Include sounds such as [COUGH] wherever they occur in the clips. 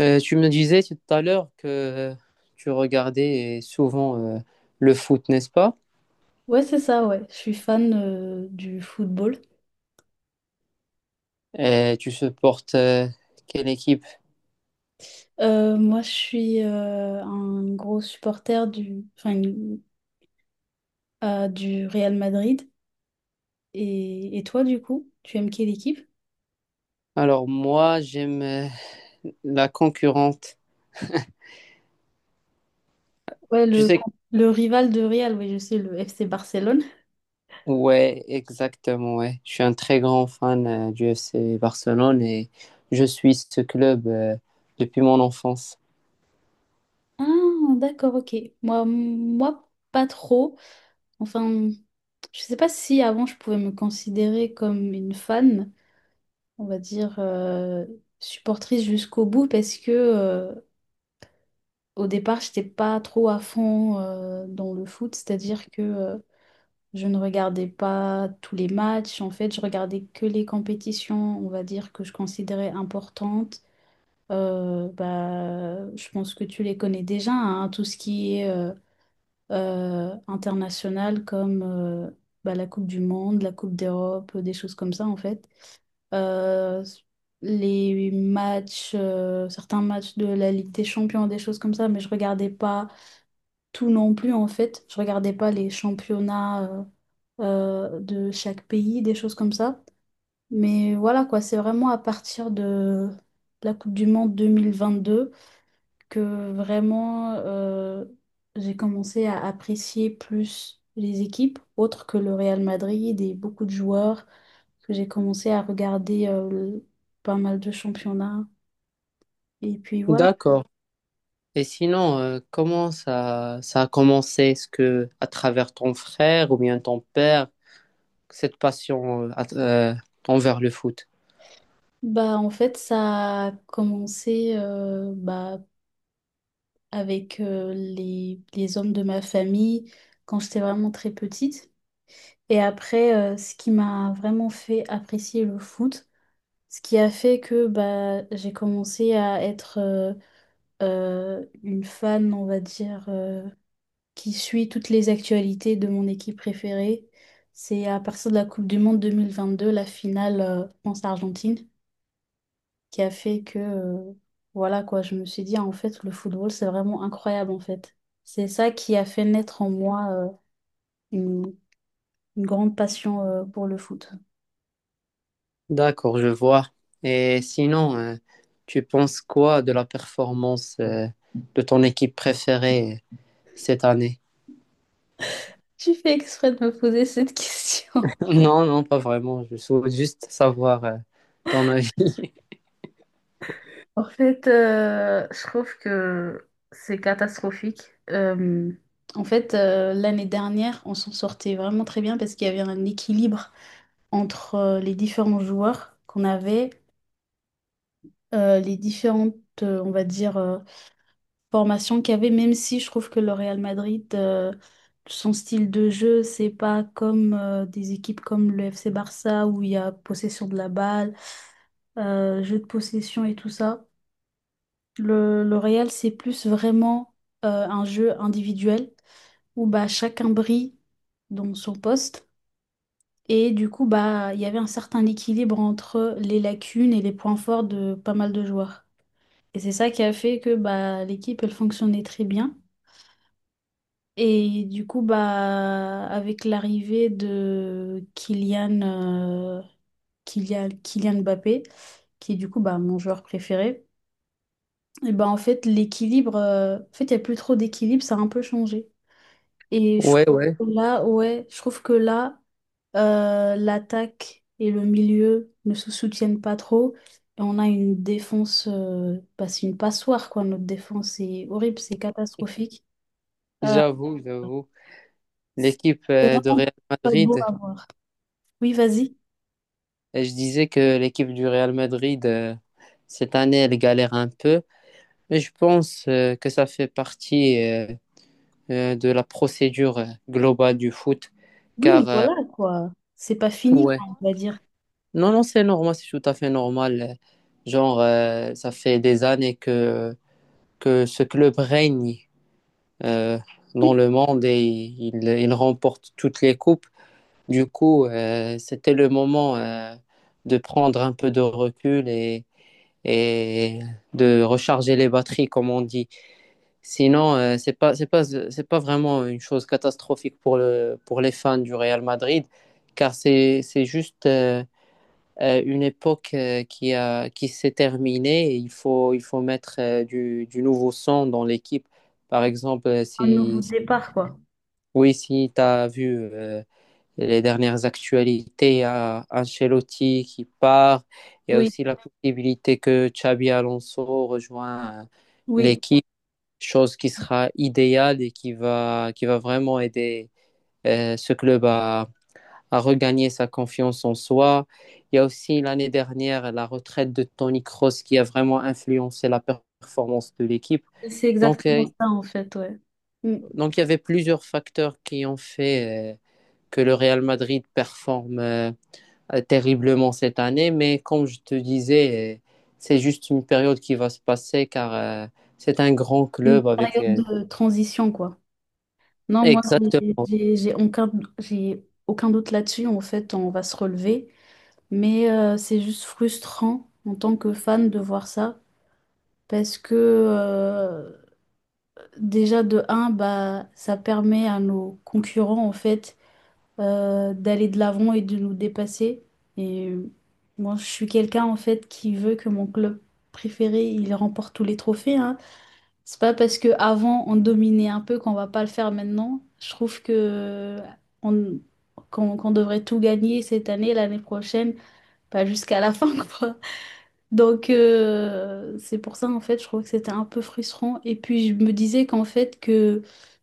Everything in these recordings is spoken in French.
Tu me disais tout à l'heure que tu regardais souvent le foot, n'est-ce pas? Ouais, c'est ça, ouais. Je suis fan du football. Et tu supportes quelle équipe? Moi, je suis un gros supporter du, enfin, du Real Madrid. Et toi, du coup, tu aimes quelle équipe? Alors moi, j'aime la concurrente. Ouais, Tu sais, le rival de Real, oui, je sais, le FC Barcelone. ouais, exactement, ouais. Je suis un très grand fan du FC Barcelone et je suis ce club depuis mon enfance. Ah, d'accord, ok. Moi, pas trop. Enfin, je sais pas si avant je pouvais me considérer comme une fan, on va dire supportrice jusqu'au bout, parce que au départ, j'étais pas trop à fond dans le foot, c'est-à-dire que je ne regardais pas tous les matchs. En fait, je regardais que les compétitions, on va dire, que je considérais importantes. Bah, je pense que tu les connais déjà, hein, tout ce qui est international comme bah, la Coupe du Monde, la Coupe d'Europe, des choses comme ça, en fait. Euh, les matchs, certains matchs de la Ligue des Champions, des choses comme ça, mais je regardais pas tout non plus en fait. Je regardais pas les championnats euh, de chaque pays, des choses comme ça. Mais voilà quoi, c'est vraiment à partir de la Coupe du Monde 2022 que vraiment j'ai commencé à apprécier plus les équipes autres que le Real Madrid et beaucoup de joueurs, que j'ai commencé à regarder pas mal de championnats. Et puis voilà. D'accord. Et sinon, comment ça, ça a commencé? Est-ce que à travers ton frère ou bien ton père? Cette passion envers le foot. Bah, en fait, ça a commencé bah, avec les hommes de ma famille quand j'étais vraiment très petite. Et après, ce qui m'a vraiment fait apprécier le foot, ce qui a fait que bah, j'ai commencé à être une fan, on va dire, qui suit toutes les actualités de mon équipe préférée. C'est à partir de la Coupe du Monde 2022, la finale France-Argentine qui a fait que, voilà quoi, je me suis dit, ah, en fait, le football, c'est vraiment incroyable, en fait. C'est ça qui a fait naître en moi, une, une grande passion, pour le foot. [LAUGHS] D'accord, je vois. Et sinon, tu penses quoi de la performance de ton équipe préférée cette année? [LAUGHS] Tu fais exprès de me poser cette [LAUGHS] question. Non, non, pas vraiment. Je souhaite juste savoir ton avis. [LAUGHS] En fait, je trouve que c'est catastrophique. Euh, En fait, l'année dernière, on s'en sortait vraiment très bien parce qu'il y avait un équilibre entre les différents joueurs qu'on avait, les différentes, on va dire, formation qu'il y avait, même si je trouve que le Real Madrid, son style de jeu, c'est pas comme des équipes comme le FC Barça où il y a possession de la balle, jeu de possession et tout ça. Le Real, c'est plus vraiment un jeu individuel où bah, chacun brille dans son poste. Et du coup, bah, il y avait un certain équilibre entre les lacunes et les points forts de pas mal de joueurs. Et c'est ça qui a fait que bah, l'équipe, elle fonctionnait très bien. Et du coup, bah, avec l'arrivée de Kylian, Kylian Mbappé, qui est du coup bah, mon joueur préféré, et bah en fait, l'équilibre, en fait, il n'y a plus trop d'équilibre, ça a un peu changé. Et je trouve Ouais, ouais, que là, ouais, je trouve que là, l'attaque et le milieu ne se soutiennent pas trop. Et on a une défense, bah, c'est une passoire, quoi. Notre défense, c'est horrible, c'est catastrophique. Euh, j'avoue, j'avoue. c'est L'équipe de Real vraiment pas beau Madrid, à voir. Oui, vas-y. et je disais que l'équipe du Real Madrid, cette année, elle galère un peu, mais je pense que ça fait partie de la procédure globale du foot. Oui, Car, voilà quoi. C'est pas fini, ouais, quoi, on va dire. non, non, c'est normal, c'est tout à fait normal. Genre, ça fait des années que ce club règne euh, dans le monde et il remporte toutes les coupes. Du coup, c'était le moment de prendre un peu de recul et de recharger les batteries, comme on dit. Sinon, c'est pas vraiment une chose catastrophique pour le, pour les fans du Real Madrid, car c'est juste une époque qui a, qui s'est terminée et il faut mettre du nouveau sang dans l'équipe. Par exemple, Un nouveau si, départ, quoi. oui, si tu as vu les dernières actualités, il y a Ancelotti qui part, il y a Oui, aussi la possibilité que Xabi Alonso rejoigne oui. l'équipe, chose qui sera idéale et qui va vraiment aider ce club à regagner sa confiance en soi. Il y a aussi l'année dernière la retraite de Toni Kroos qui a vraiment influencé la performance de l'équipe. Et c'est Donc, exactement euh, ça, en fait, ouais. Mm. donc il y avait plusieurs facteurs qui ont fait que le Real Madrid performe terriblement cette année. Mais comme je te disais, c'est juste une période qui va se passer car c'est un grand Une club avec période de transition, quoi. Non, moi, j'ai exactement. j'ai- j'ai aucun, j'ai aucun doute là-dessus. En fait, on va se relever. Mais c'est juste frustrant en tant que fan de voir ça parce que déjà de un, bah, ça permet à nos concurrents en fait d'aller de l'avant et de nous dépasser. Et moi, je suis quelqu'un en fait qui veut que mon club préféré il remporte tous les trophées. Hein. C'est pas parce que avant on dominait un peu qu'on va pas le faire maintenant. Je trouve que on, qu'on qu'on devrait tout gagner cette année, l'année prochaine, pas jusqu'à la fin [LAUGHS] quoi. Donc c'est pour ça en fait je trouve que c'était un peu frustrant et puis je me disais qu'en fait que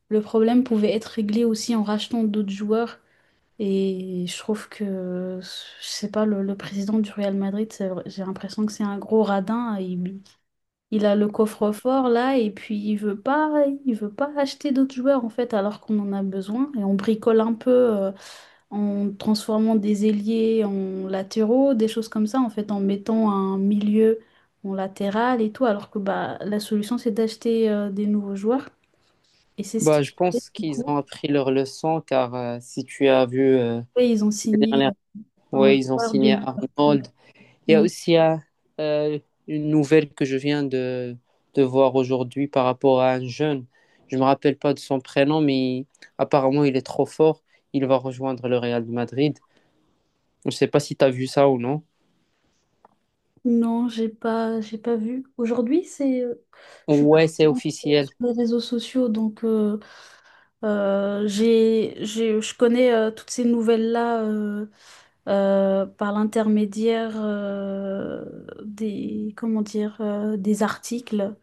le problème pouvait être réglé aussi en rachetant d'autres joueurs et je trouve que je sais pas le, le président du Real Madrid j'ai l'impression que c'est un gros radin il a le coffre-fort là et puis il veut pas acheter d'autres joueurs en fait alors qu'on en a besoin et on bricole un peu en transformant des ailiers en latéraux, des choses comme ça, en fait, en mettant un milieu en latéral et tout, alors que bah, la solution, c'est d'acheter des nouveaux joueurs. Et c'est ce Bah, qu'ils je ont fait, pense du qu'ils coup. ont appris leur leçon car si tu as vu Et ils ont les signé dernières, un ouais, ils ont joueur de signé Liverpool. Arnold. Il y a Oui. aussi euh, une nouvelle que je viens de voir aujourd'hui par rapport à un jeune. Je me rappelle pas de son prénom, mais apparemment il est trop fort. Il va rejoindre le Real de Madrid. Je ne sais pas si tu as vu ça ou non. Non, j'ai pas vu. Aujourd'hui, c'est, je suis pas Ouais, c'est trop officiel. sur les réseaux sociaux, donc je connais toutes ces nouvelles-là par l'intermédiaire des, comment dire, des articles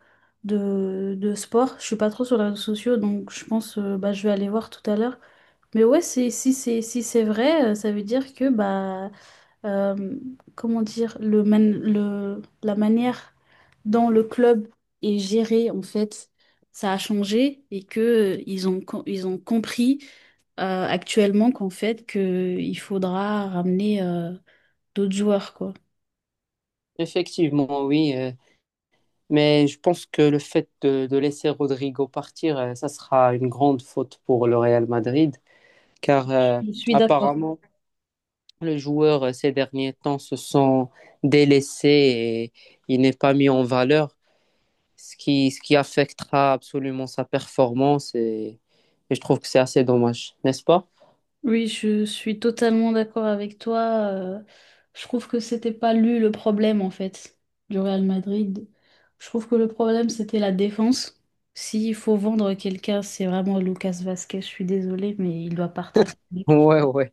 de sport. Je suis pas trop sur les réseaux sociaux, donc je pense bah, je vais aller voir tout à l'heure. Mais ouais, c'est, si c'est vrai, ça veut dire que bah euh, comment dire, la manière dont le club est géré, en fait, ça a changé et que ils ont compris actuellement qu'en fait, que il faudra ramener d'autres joueurs, quoi. Effectivement, oui. Mais je pense que le fait de laisser Rodrigo partir, ça sera une grande faute pour le Real Madrid. Car Je suis d'accord. apparemment le joueur ces derniers temps se sent délaissé et il n'est pas mis en valeur, ce qui affectera absolument sa performance et je trouve que c'est assez dommage, n'est-ce pas? Oui, je suis totalement d'accord avec toi. Je trouve que c'était pas lui le problème en fait du Real Madrid. Je trouve que le problème c'était la défense. S'il faut vendre quelqu'un, c'est vraiment Lucas Vasquez. Je suis désolée, mais il doit partir. Ce [LAUGHS] mec. Ouais, ouais.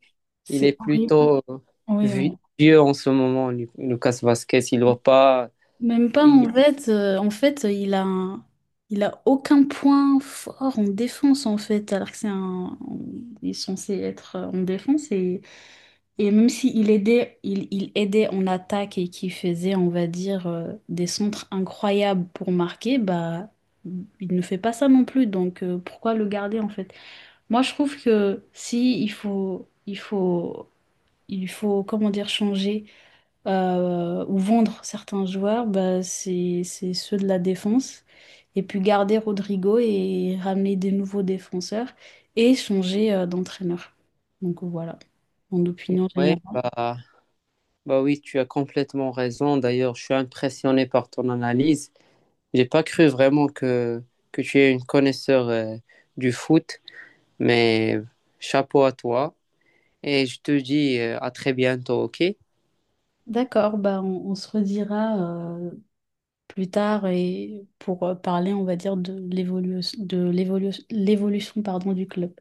Il est C'est horrible. plutôt Oui, oui. Vieux en ce moment, Lucas Vasquez. Il va pas. Même pas Il... en fait. En fait, il a aucun point fort en défense en fait, alors que c'est un, il est censé être en défense. Et même s'il aidait, il aidait en attaque et qui faisait, on va dire, des centres incroyables pour marquer, bah, il ne fait pas ça non plus. Donc, pourquoi le garder en fait? Moi, je trouve que si il faut, il faut, il faut, comment dire, changer ou vendre certains joueurs, bah, c'est ceux de la défense. Et puis garder Rodrigo et ramener des nouveaux défenseurs et changer d'entraîneur. Donc voilà, mon opinion Ouais, générale. bah, bah oui, tu as complètement raison. D'ailleurs, je suis impressionné par ton analyse. J'ai pas cru vraiment que tu es une connaisseur du foot, mais chapeau à toi. Et je te dis à très bientôt, ok? D'accord, bah on se redira euh, plus tard et pour parler, on va dire, de l'évolution de l'évolu- l'évolution pardon, du club.